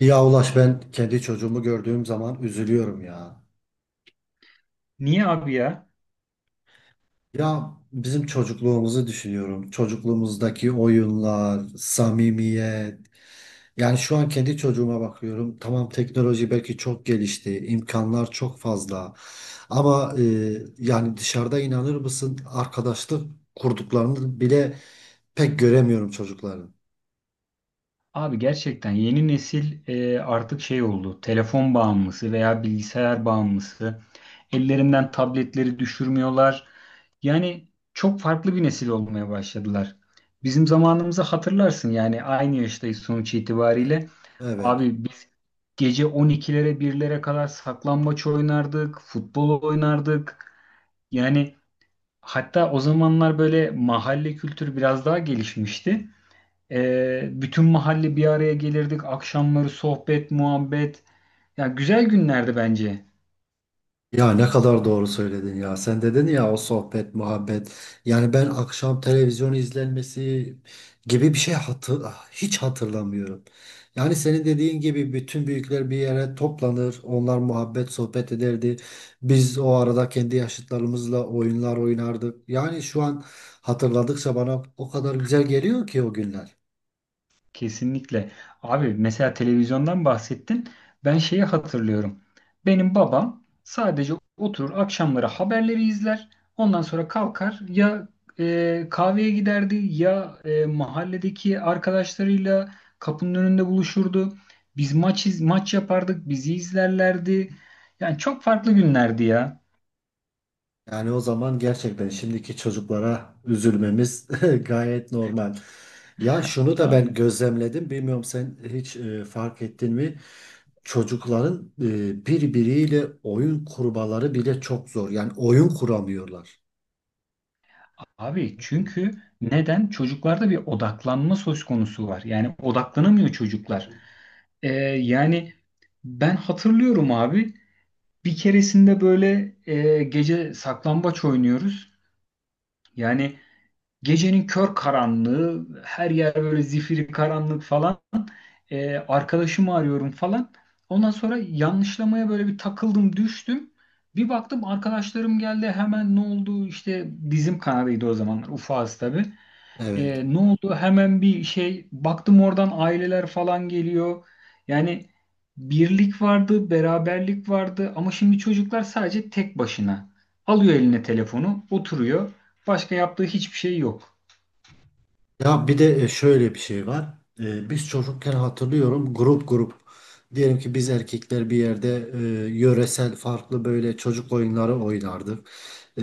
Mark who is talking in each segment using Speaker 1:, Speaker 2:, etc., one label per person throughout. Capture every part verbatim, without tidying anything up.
Speaker 1: Ya Ulaş ben kendi çocuğumu gördüğüm zaman üzülüyorum ya.
Speaker 2: Niye abi ya?
Speaker 1: Ya bizim çocukluğumuzu düşünüyorum. Çocukluğumuzdaki oyunlar, samimiyet. Yani şu an kendi çocuğuma bakıyorum. Tamam teknoloji belki çok gelişti, imkanlar çok fazla. Ama e, yani dışarıda inanır mısın arkadaşlık kurduklarını bile pek göremiyorum çocukların.
Speaker 2: Abi gerçekten yeni nesil e, artık şey oldu. Telefon bağımlısı veya bilgisayar bağımlısı. Ellerinden tabletleri düşürmüyorlar. Yani çok farklı bir nesil olmaya başladılar. Bizim zamanımızı hatırlarsın yani aynı yaştayız sonuç
Speaker 1: E,
Speaker 2: itibariyle.
Speaker 1: Evet.
Speaker 2: Abi biz gece on ikilere birlere kadar saklambaç oynardık, futbol oynardık. Yani hatta o zamanlar böyle mahalle kültürü biraz daha gelişmişti. Ee, bütün mahalle bir araya gelirdik. Akşamları sohbet, muhabbet. Ya güzel günlerdi bence.
Speaker 1: Ya ne kadar doğru söyledin ya. Sen dedin ya o sohbet, muhabbet. Yani ben akşam televizyon izlenmesi gibi bir şey hatır, hiç hatırlamıyorum. Yani senin dediğin gibi bütün büyükler bir yere toplanır. Onlar muhabbet, sohbet ederdi. Biz o arada kendi yaşıtlarımızla oyunlar oynardık. Yani şu an hatırladıkça bana o kadar güzel geliyor ki o günler.
Speaker 2: Kesinlikle. Abi mesela televizyondan bahsettin. Ben şeyi hatırlıyorum. Benim babam sadece oturur akşamları haberleri izler. Ondan sonra kalkar ya e, kahveye giderdi ya e, mahalledeki arkadaşlarıyla kapının önünde buluşurdu. Biz maç iz- maç yapardık, bizi izlerlerdi. Yani çok farklı günlerdi ya.
Speaker 1: Yani o zaman gerçekten şimdiki çocuklara üzülmemiz gayet normal. Ya şunu da ben
Speaker 2: Aynen.
Speaker 1: gözlemledim. Bilmiyorum sen hiç e, fark ettin mi? Çocukların e, birbiriyle oyun kurmaları bile çok zor. Yani oyun kuramıyorlar.
Speaker 2: Abi çünkü neden? Çocuklarda bir odaklanma söz konusu var. Yani odaklanamıyor çocuklar. Ee, Yani ben hatırlıyorum abi bir keresinde böyle e, gece saklambaç oynuyoruz. Yani gecenin kör karanlığı, her yer böyle zifiri karanlık falan. Ee, arkadaşımı arıyorum falan. Ondan sonra yanlışlamaya böyle bir takıldım, düştüm. Bir baktım arkadaşlarım geldi hemen ne oldu işte dizim kanadıydı o zamanlar ufağız tabii.
Speaker 1: Evet.
Speaker 2: E, ne oldu? Hemen bir şey baktım oradan aileler falan geliyor. Yani birlik vardı, beraberlik vardı ama şimdi çocuklar sadece tek başına. Alıyor eline telefonu, oturuyor. Başka yaptığı hiçbir şey yok.
Speaker 1: Ya bir de e, şöyle bir şey var. Ee, Biz çocukken hatırlıyorum grup grup. Diyelim ki biz erkekler bir yerde e, yöresel farklı böyle çocuk oyunları oynardık. Ee,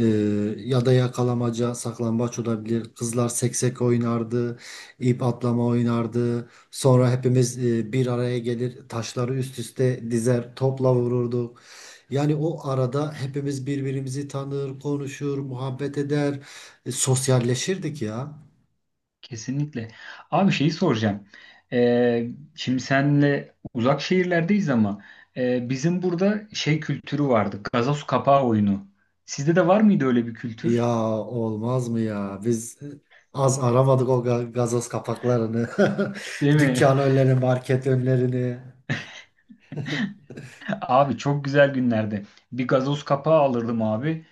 Speaker 1: ya da yakalamaca, saklambaç olabilir. Kızlar seksek oynardı, ip atlama oynardı. Sonra hepimiz e, bir araya gelir, taşları üst üste dizer, topla vururduk. Yani o arada hepimiz birbirimizi tanır, konuşur, muhabbet eder, e, sosyalleşirdik ya.
Speaker 2: Kesinlikle. Abi şeyi soracağım. E, şimdi senle uzak şehirlerdeyiz ama e, bizim burada şey kültürü vardı. Gazoz kapağı oyunu. Sizde de var mıydı öyle bir
Speaker 1: Ya
Speaker 2: kültür?
Speaker 1: olmaz mı ya? Biz az aramadık o ga- gazoz kapaklarını.
Speaker 2: Değil mi?
Speaker 1: Dükkan önlerini, market önlerini.
Speaker 2: Abi çok güzel günlerdi. Bir gazoz kapağı alırdım abi.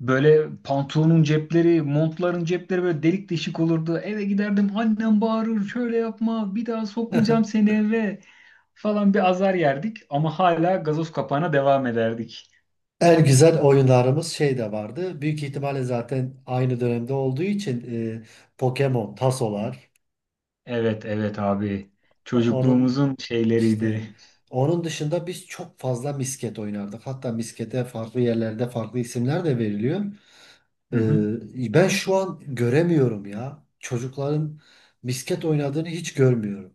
Speaker 2: Böyle pantolonun cepleri, montların cepleri böyle delik deşik olurdu. Eve giderdim annem bağırır şöyle yapma bir daha sokmayacağım seni eve falan bir azar yerdik. Ama hala gazoz kapağına devam ederdik.
Speaker 1: En güzel oyunlarımız şey de vardı. Büyük ihtimalle zaten aynı dönemde olduğu için e, Pokemon, tasolar.
Speaker 2: Evet evet abi
Speaker 1: O- Onun
Speaker 2: çocukluğumuzun
Speaker 1: işte
Speaker 2: şeyleriydi.
Speaker 1: onun dışında biz çok fazla misket oynardık. Hatta miskete farklı yerlerde farklı isimler de veriliyor.
Speaker 2: Hı hı.
Speaker 1: E, ben şu an göremiyorum ya. Çocukların misket oynadığını hiç görmüyorum.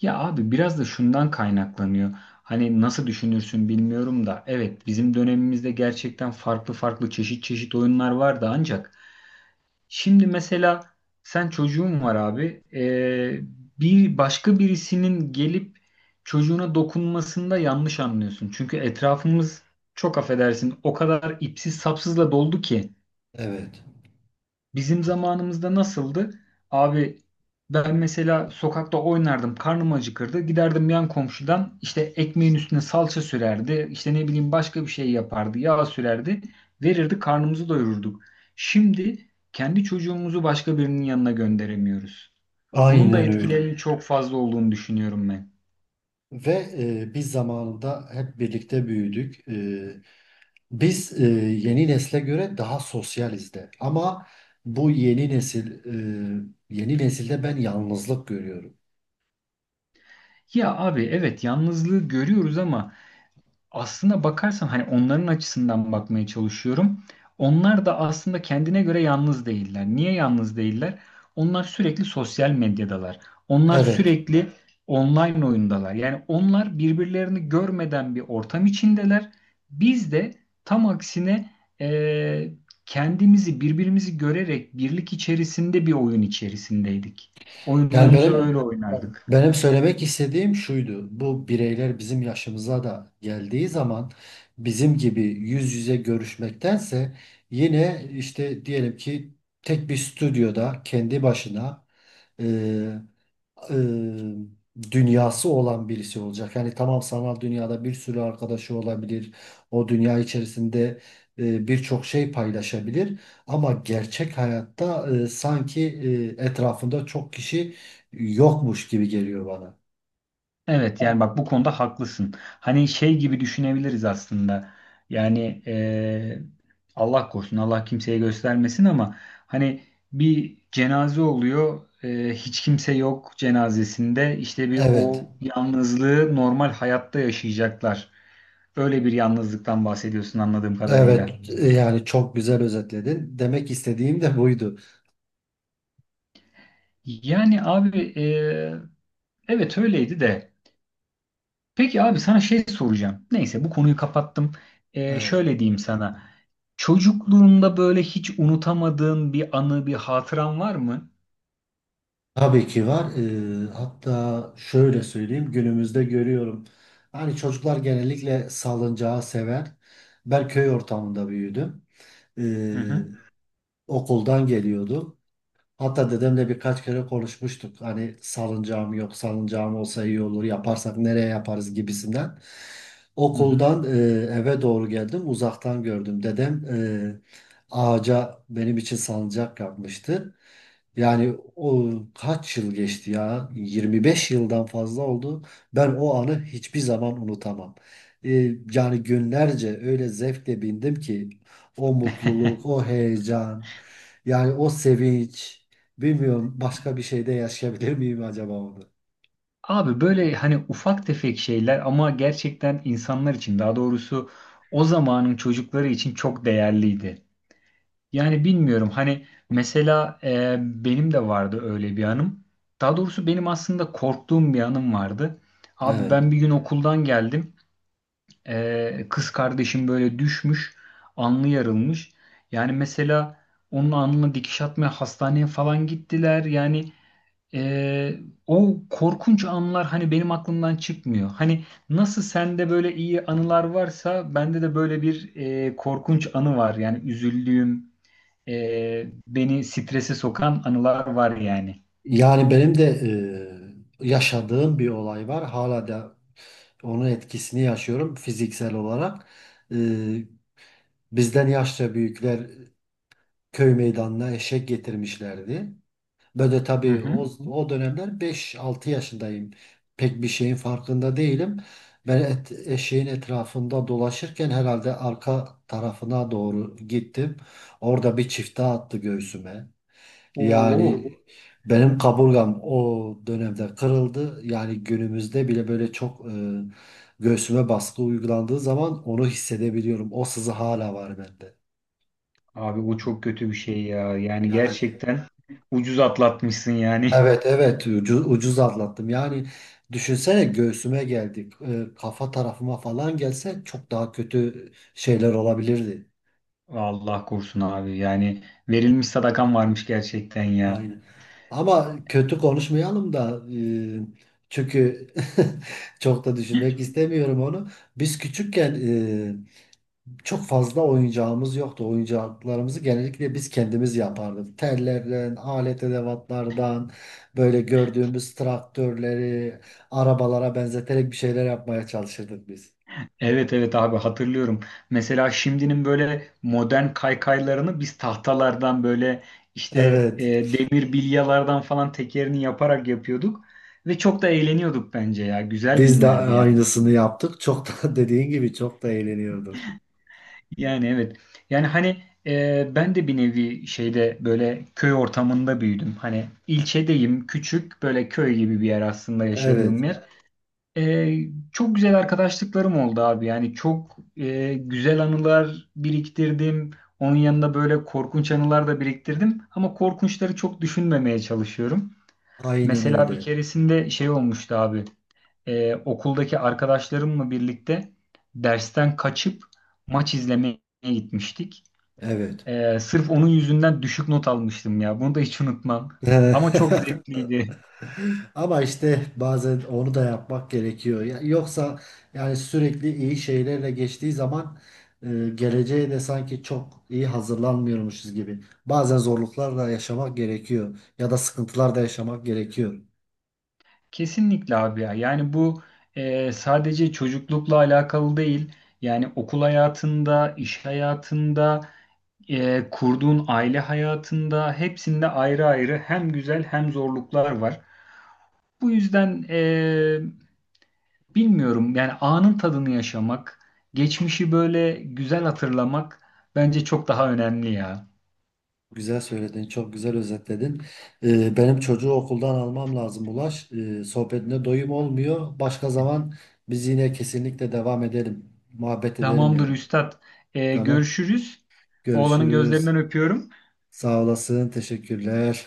Speaker 2: Ya abi biraz da şundan kaynaklanıyor. Hani nasıl düşünürsün bilmiyorum da evet bizim dönemimizde gerçekten farklı farklı çeşit çeşit oyunlar vardı ancak şimdi mesela sen çocuğun var abi. Ee, bir başka birisinin gelip çocuğuna dokunmasında yanlış anlıyorsun. Çünkü etrafımız çok affedersin o kadar ipsiz sapsızla doldu ki.
Speaker 1: Evet,
Speaker 2: Bizim zamanımızda nasıldı? Abi ben mesela sokakta oynardım, karnım acıkırdı. Giderdim yan komşudan işte ekmeğin üstüne salça sürerdi. İşte ne bileyim başka bir şey yapardı, yağ sürerdi. Verirdi, karnımızı doyururduk. Şimdi kendi çocuğumuzu başka birinin yanına gönderemiyoruz. Bunun da
Speaker 1: aynen öyle.
Speaker 2: etkilerinin çok fazla olduğunu düşünüyorum ben.
Speaker 1: Ve e, biz zamanında hep birlikte büyüdük. E, biz e, yeni nesle göre daha sosyaliz de. Ama bu yeni nesil, e, yeni nesilde ben yalnızlık görüyorum.
Speaker 2: Ya abi evet yalnızlığı görüyoruz ama aslında bakarsan hani onların açısından bakmaya çalışıyorum. Onlar da aslında kendine göre yalnız değiller. Niye yalnız değiller? Onlar sürekli sosyal medyadalar. Onlar
Speaker 1: Evet.
Speaker 2: sürekli online oyundalar. Yani onlar birbirlerini görmeden bir ortam içindeler. Biz de tam aksine eee, kendimizi birbirimizi görerek birlik içerisinde bir oyun içerisindeydik.
Speaker 1: Yani
Speaker 2: Oyunlarımızı
Speaker 1: benim
Speaker 2: öyle oynardık.
Speaker 1: benim söylemek istediğim şuydu. Bu bireyler bizim yaşımıza da geldiği zaman bizim gibi yüz yüze görüşmektense yine işte diyelim ki tek bir stüdyoda kendi başına e, dünyası olan birisi olacak. Yani tamam sanal dünyada bir sürü arkadaşı olabilir. O dünya içerisinde e, birçok şey paylaşabilir. Ama gerçek hayatta e, sanki e, etrafında çok kişi yokmuş gibi geliyor bana.
Speaker 2: Evet yani bak bu konuda haklısın. Hani şey gibi düşünebiliriz aslında. Yani eee, Allah korusun Allah kimseye göstermesin ama hani bir cenaze oluyor. Eee, hiç kimse yok cenazesinde. İşte bir
Speaker 1: Evet.
Speaker 2: o yalnızlığı normal hayatta yaşayacaklar. Öyle bir yalnızlıktan bahsediyorsun anladığım kadarıyla.
Speaker 1: Evet. e, Yani çok güzel özetledin. Demek istediğim de buydu.
Speaker 2: Yani abi eee, evet öyleydi de. Peki abi sana şey soracağım. Neyse bu konuyu kapattım. Ee,
Speaker 1: Evet.
Speaker 2: şöyle diyeyim sana. Çocukluğunda böyle hiç unutamadığın bir anı, bir hatıran var mı?
Speaker 1: Tabii ki var. Ee, hatta şöyle söyleyeyim günümüzde görüyorum. Hani çocuklar genellikle salıncağı sever. Ben köy ortamında büyüdüm.
Speaker 2: Hı
Speaker 1: Ee,
Speaker 2: hı.
Speaker 1: okuldan geliyordum. Hatta dedemle birkaç kere konuşmuştuk. Hani salıncağım yok, salıncağım olsa iyi olur, yaparsak nereye yaparız gibisinden.
Speaker 2: Hı hı.
Speaker 1: Okuldan e, eve doğru geldim, uzaktan gördüm. Dedem e, ağaca benim için salıncak yapmıştı. Yani o kaç yıl geçti ya? yirmi beş yıldan fazla oldu. Ben o anı hiçbir zaman unutamam. E, yani günlerce öyle zevkle bindim ki o mutluluk, o heyecan, yani o sevinç. Bilmiyorum başka bir şeyde yaşayabilir miyim acaba onu?
Speaker 2: Abi böyle hani ufak tefek şeyler ama gerçekten insanlar için daha doğrusu o zamanın çocukları için çok değerliydi. Yani bilmiyorum hani mesela e, benim de vardı öyle bir anım. Daha doğrusu benim aslında korktuğum bir anım vardı. Abi
Speaker 1: Evet.
Speaker 2: ben bir gün okuldan geldim. Ee, kız kardeşim böyle düşmüş, alnı yarılmış. Yani mesela onun alnına dikiş atmaya hastaneye falan gittiler. Yani ee, o korkunç anlar hani benim aklımdan çıkmıyor. Hani nasıl sende böyle iyi anılar varsa bende de böyle bir ee, korkunç anı var. Yani üzüldüğüm, ee, beni strese sokan anılar var yani.
Speaker 1: Yani benim de e, yaşadığım bir olay var. Hala da onun etkisini yaşıyorum fiziksel olarak. E, bizden yaşça büyükler köy meydanına eşek getirmişlerdi. Böyle
Speaker 2: Hı
Speaker 1: tabii o,
Speaker 2: hı.
Speaker 1: o dönemler beş altı yaşındayım. Pek bir şeyin farkında değilim. Ben et- eşeğin etrafında dolaşırken herhalde arka tarafına doğru gittim. Orada bir çifte attı göğsüme.
Speaker 2: Oo,
Speaker 1: Yani benim kaburgam o dönemde kırıldı. Yani günümüzde bile böyle çok e, göğsüme baskı uygulandığı zaman onu hissedebiliyorum. O sızı hala var bende.
Speaker 2: abi o çok kötü bir şey ya. Yani
Speaker 1: Yani
Speaker 2: gerçekten ucuz atlatmışsın yani.
Speaker 1: evet, evet, ucu- ucuz atlattım. Yani düşünsene göğsüme geldik. E, kafa tarafıma falan gelse çok daha kötü şeyler olabilirdi.
Speaker 2: Allah korusun abi. Yani verilmiş sadakan varmış gerçekten ya.
Speaker 1: Aynen. Ama kötü konuşmayalım da e, çünkü çok da düşünmek istemiyorum onu. Biz küçükken e, çok fazla oyuncağımız yoktu. Oyuncaklarımızı genellikle biz kendimiz yapardık. Tellerden, alet edevatlardan, böyle gördüğümüz traktörleri, arabalara benzeterek bir şeyler yapmaya çalışırdık biz.
Speaker 2: Evet evet abi hatırlıyorum. Mesela şimdinin böyle modern kaykaylarını biz tahtalardan böyle işte e,
Speaker 1: Evet.
Speaker 2: demir bilyalardan falan tekerini yaparak yapıyorduk. Ve çok da eğleniyorduk bence ya. Güzel
Speaker 1: Biz de
Speaker 2: günlerdi yani.
Speaker 1: aynısını yaptık. Çok da dediğin gibi çok da eğleniyorduk.
Speaker 2: Yani evet. Yani hani e, ben de bir nevi şeyde böyle köy ortamında büyüdüm. Hani ilçedeyim, küçük böyle köy gibi bir yer aslında
Speaker 1: Evet.
Speaker 2: yaşadığım yer. Ee, Çok güzel arkadaşlıklarım oldu abi. Yani çok e, güzel anılar biriktirdim. Onun yanında böyle korkunç anılar da biriktirdim. Ama korkunçları çok düşünmemeye çalışıyorum.
Speaker 1: Aynen
Speaker 2: Mesela bir
Speaker 1: öyle.
Speaker 2: keresinde şey olmuştu abi. Ee, okuldaki arkadaşlarımla birlikte dersten kaçıp maç izlemeye gitmiştik.
Speaker 1: Evet.
Speaker 2: Ee, sırf onun yüzünden düşük not almıştım ya. Bunu da hiç unutmam. Ama çok zevkliydi.
Speaker 1: Ama işte bazen onu da yapmak gerekiyor. Ya- yoksa yani sürekli iyi şeylerle geçtiği zaman e, geleceğe de sanki çok iyi hazırlanmıyormuşuz gibi. Bazen zorluklar da yaşamak gerekiyor ya da sıkıntılar da yaşamak gerekiyor.
Speaker 2: Kesinlikle abi ya. Yani bu e, sadece çocuklukla alakalı değil. Yani okul hayatında, iş hayatında, e, kurduğun aile hayatında hepsinde ayrı ayrı hem güzel hem zorluklar var. Bu yüzden e, bilmiyorum yani anın tadını yaşamak, geçmişi böyle güzel hatırlamak bence çok daha önemli ya.
Speaker 1: Güzel söyledin, çok güzel özetledin. Ee, benim çocuğu okuldan almam lazım Ulaş. Ee, sohbetine doyum olmuyor. Başka zaman biz yine kesinlikle devam edelim. Muhabbet edelim
Speaker 2: Tamamdır
Speaker 1: yani.
Speaker 2: üstad. E,
Speaker 1: Tamam,
Speaker 2: görüşürüz. Oğlanın
Speaker 1: görüşürüz.
Speaker 2: gözlerinden öpüyorum.
Speaker 1: Sağ olasın. Teşekkürler.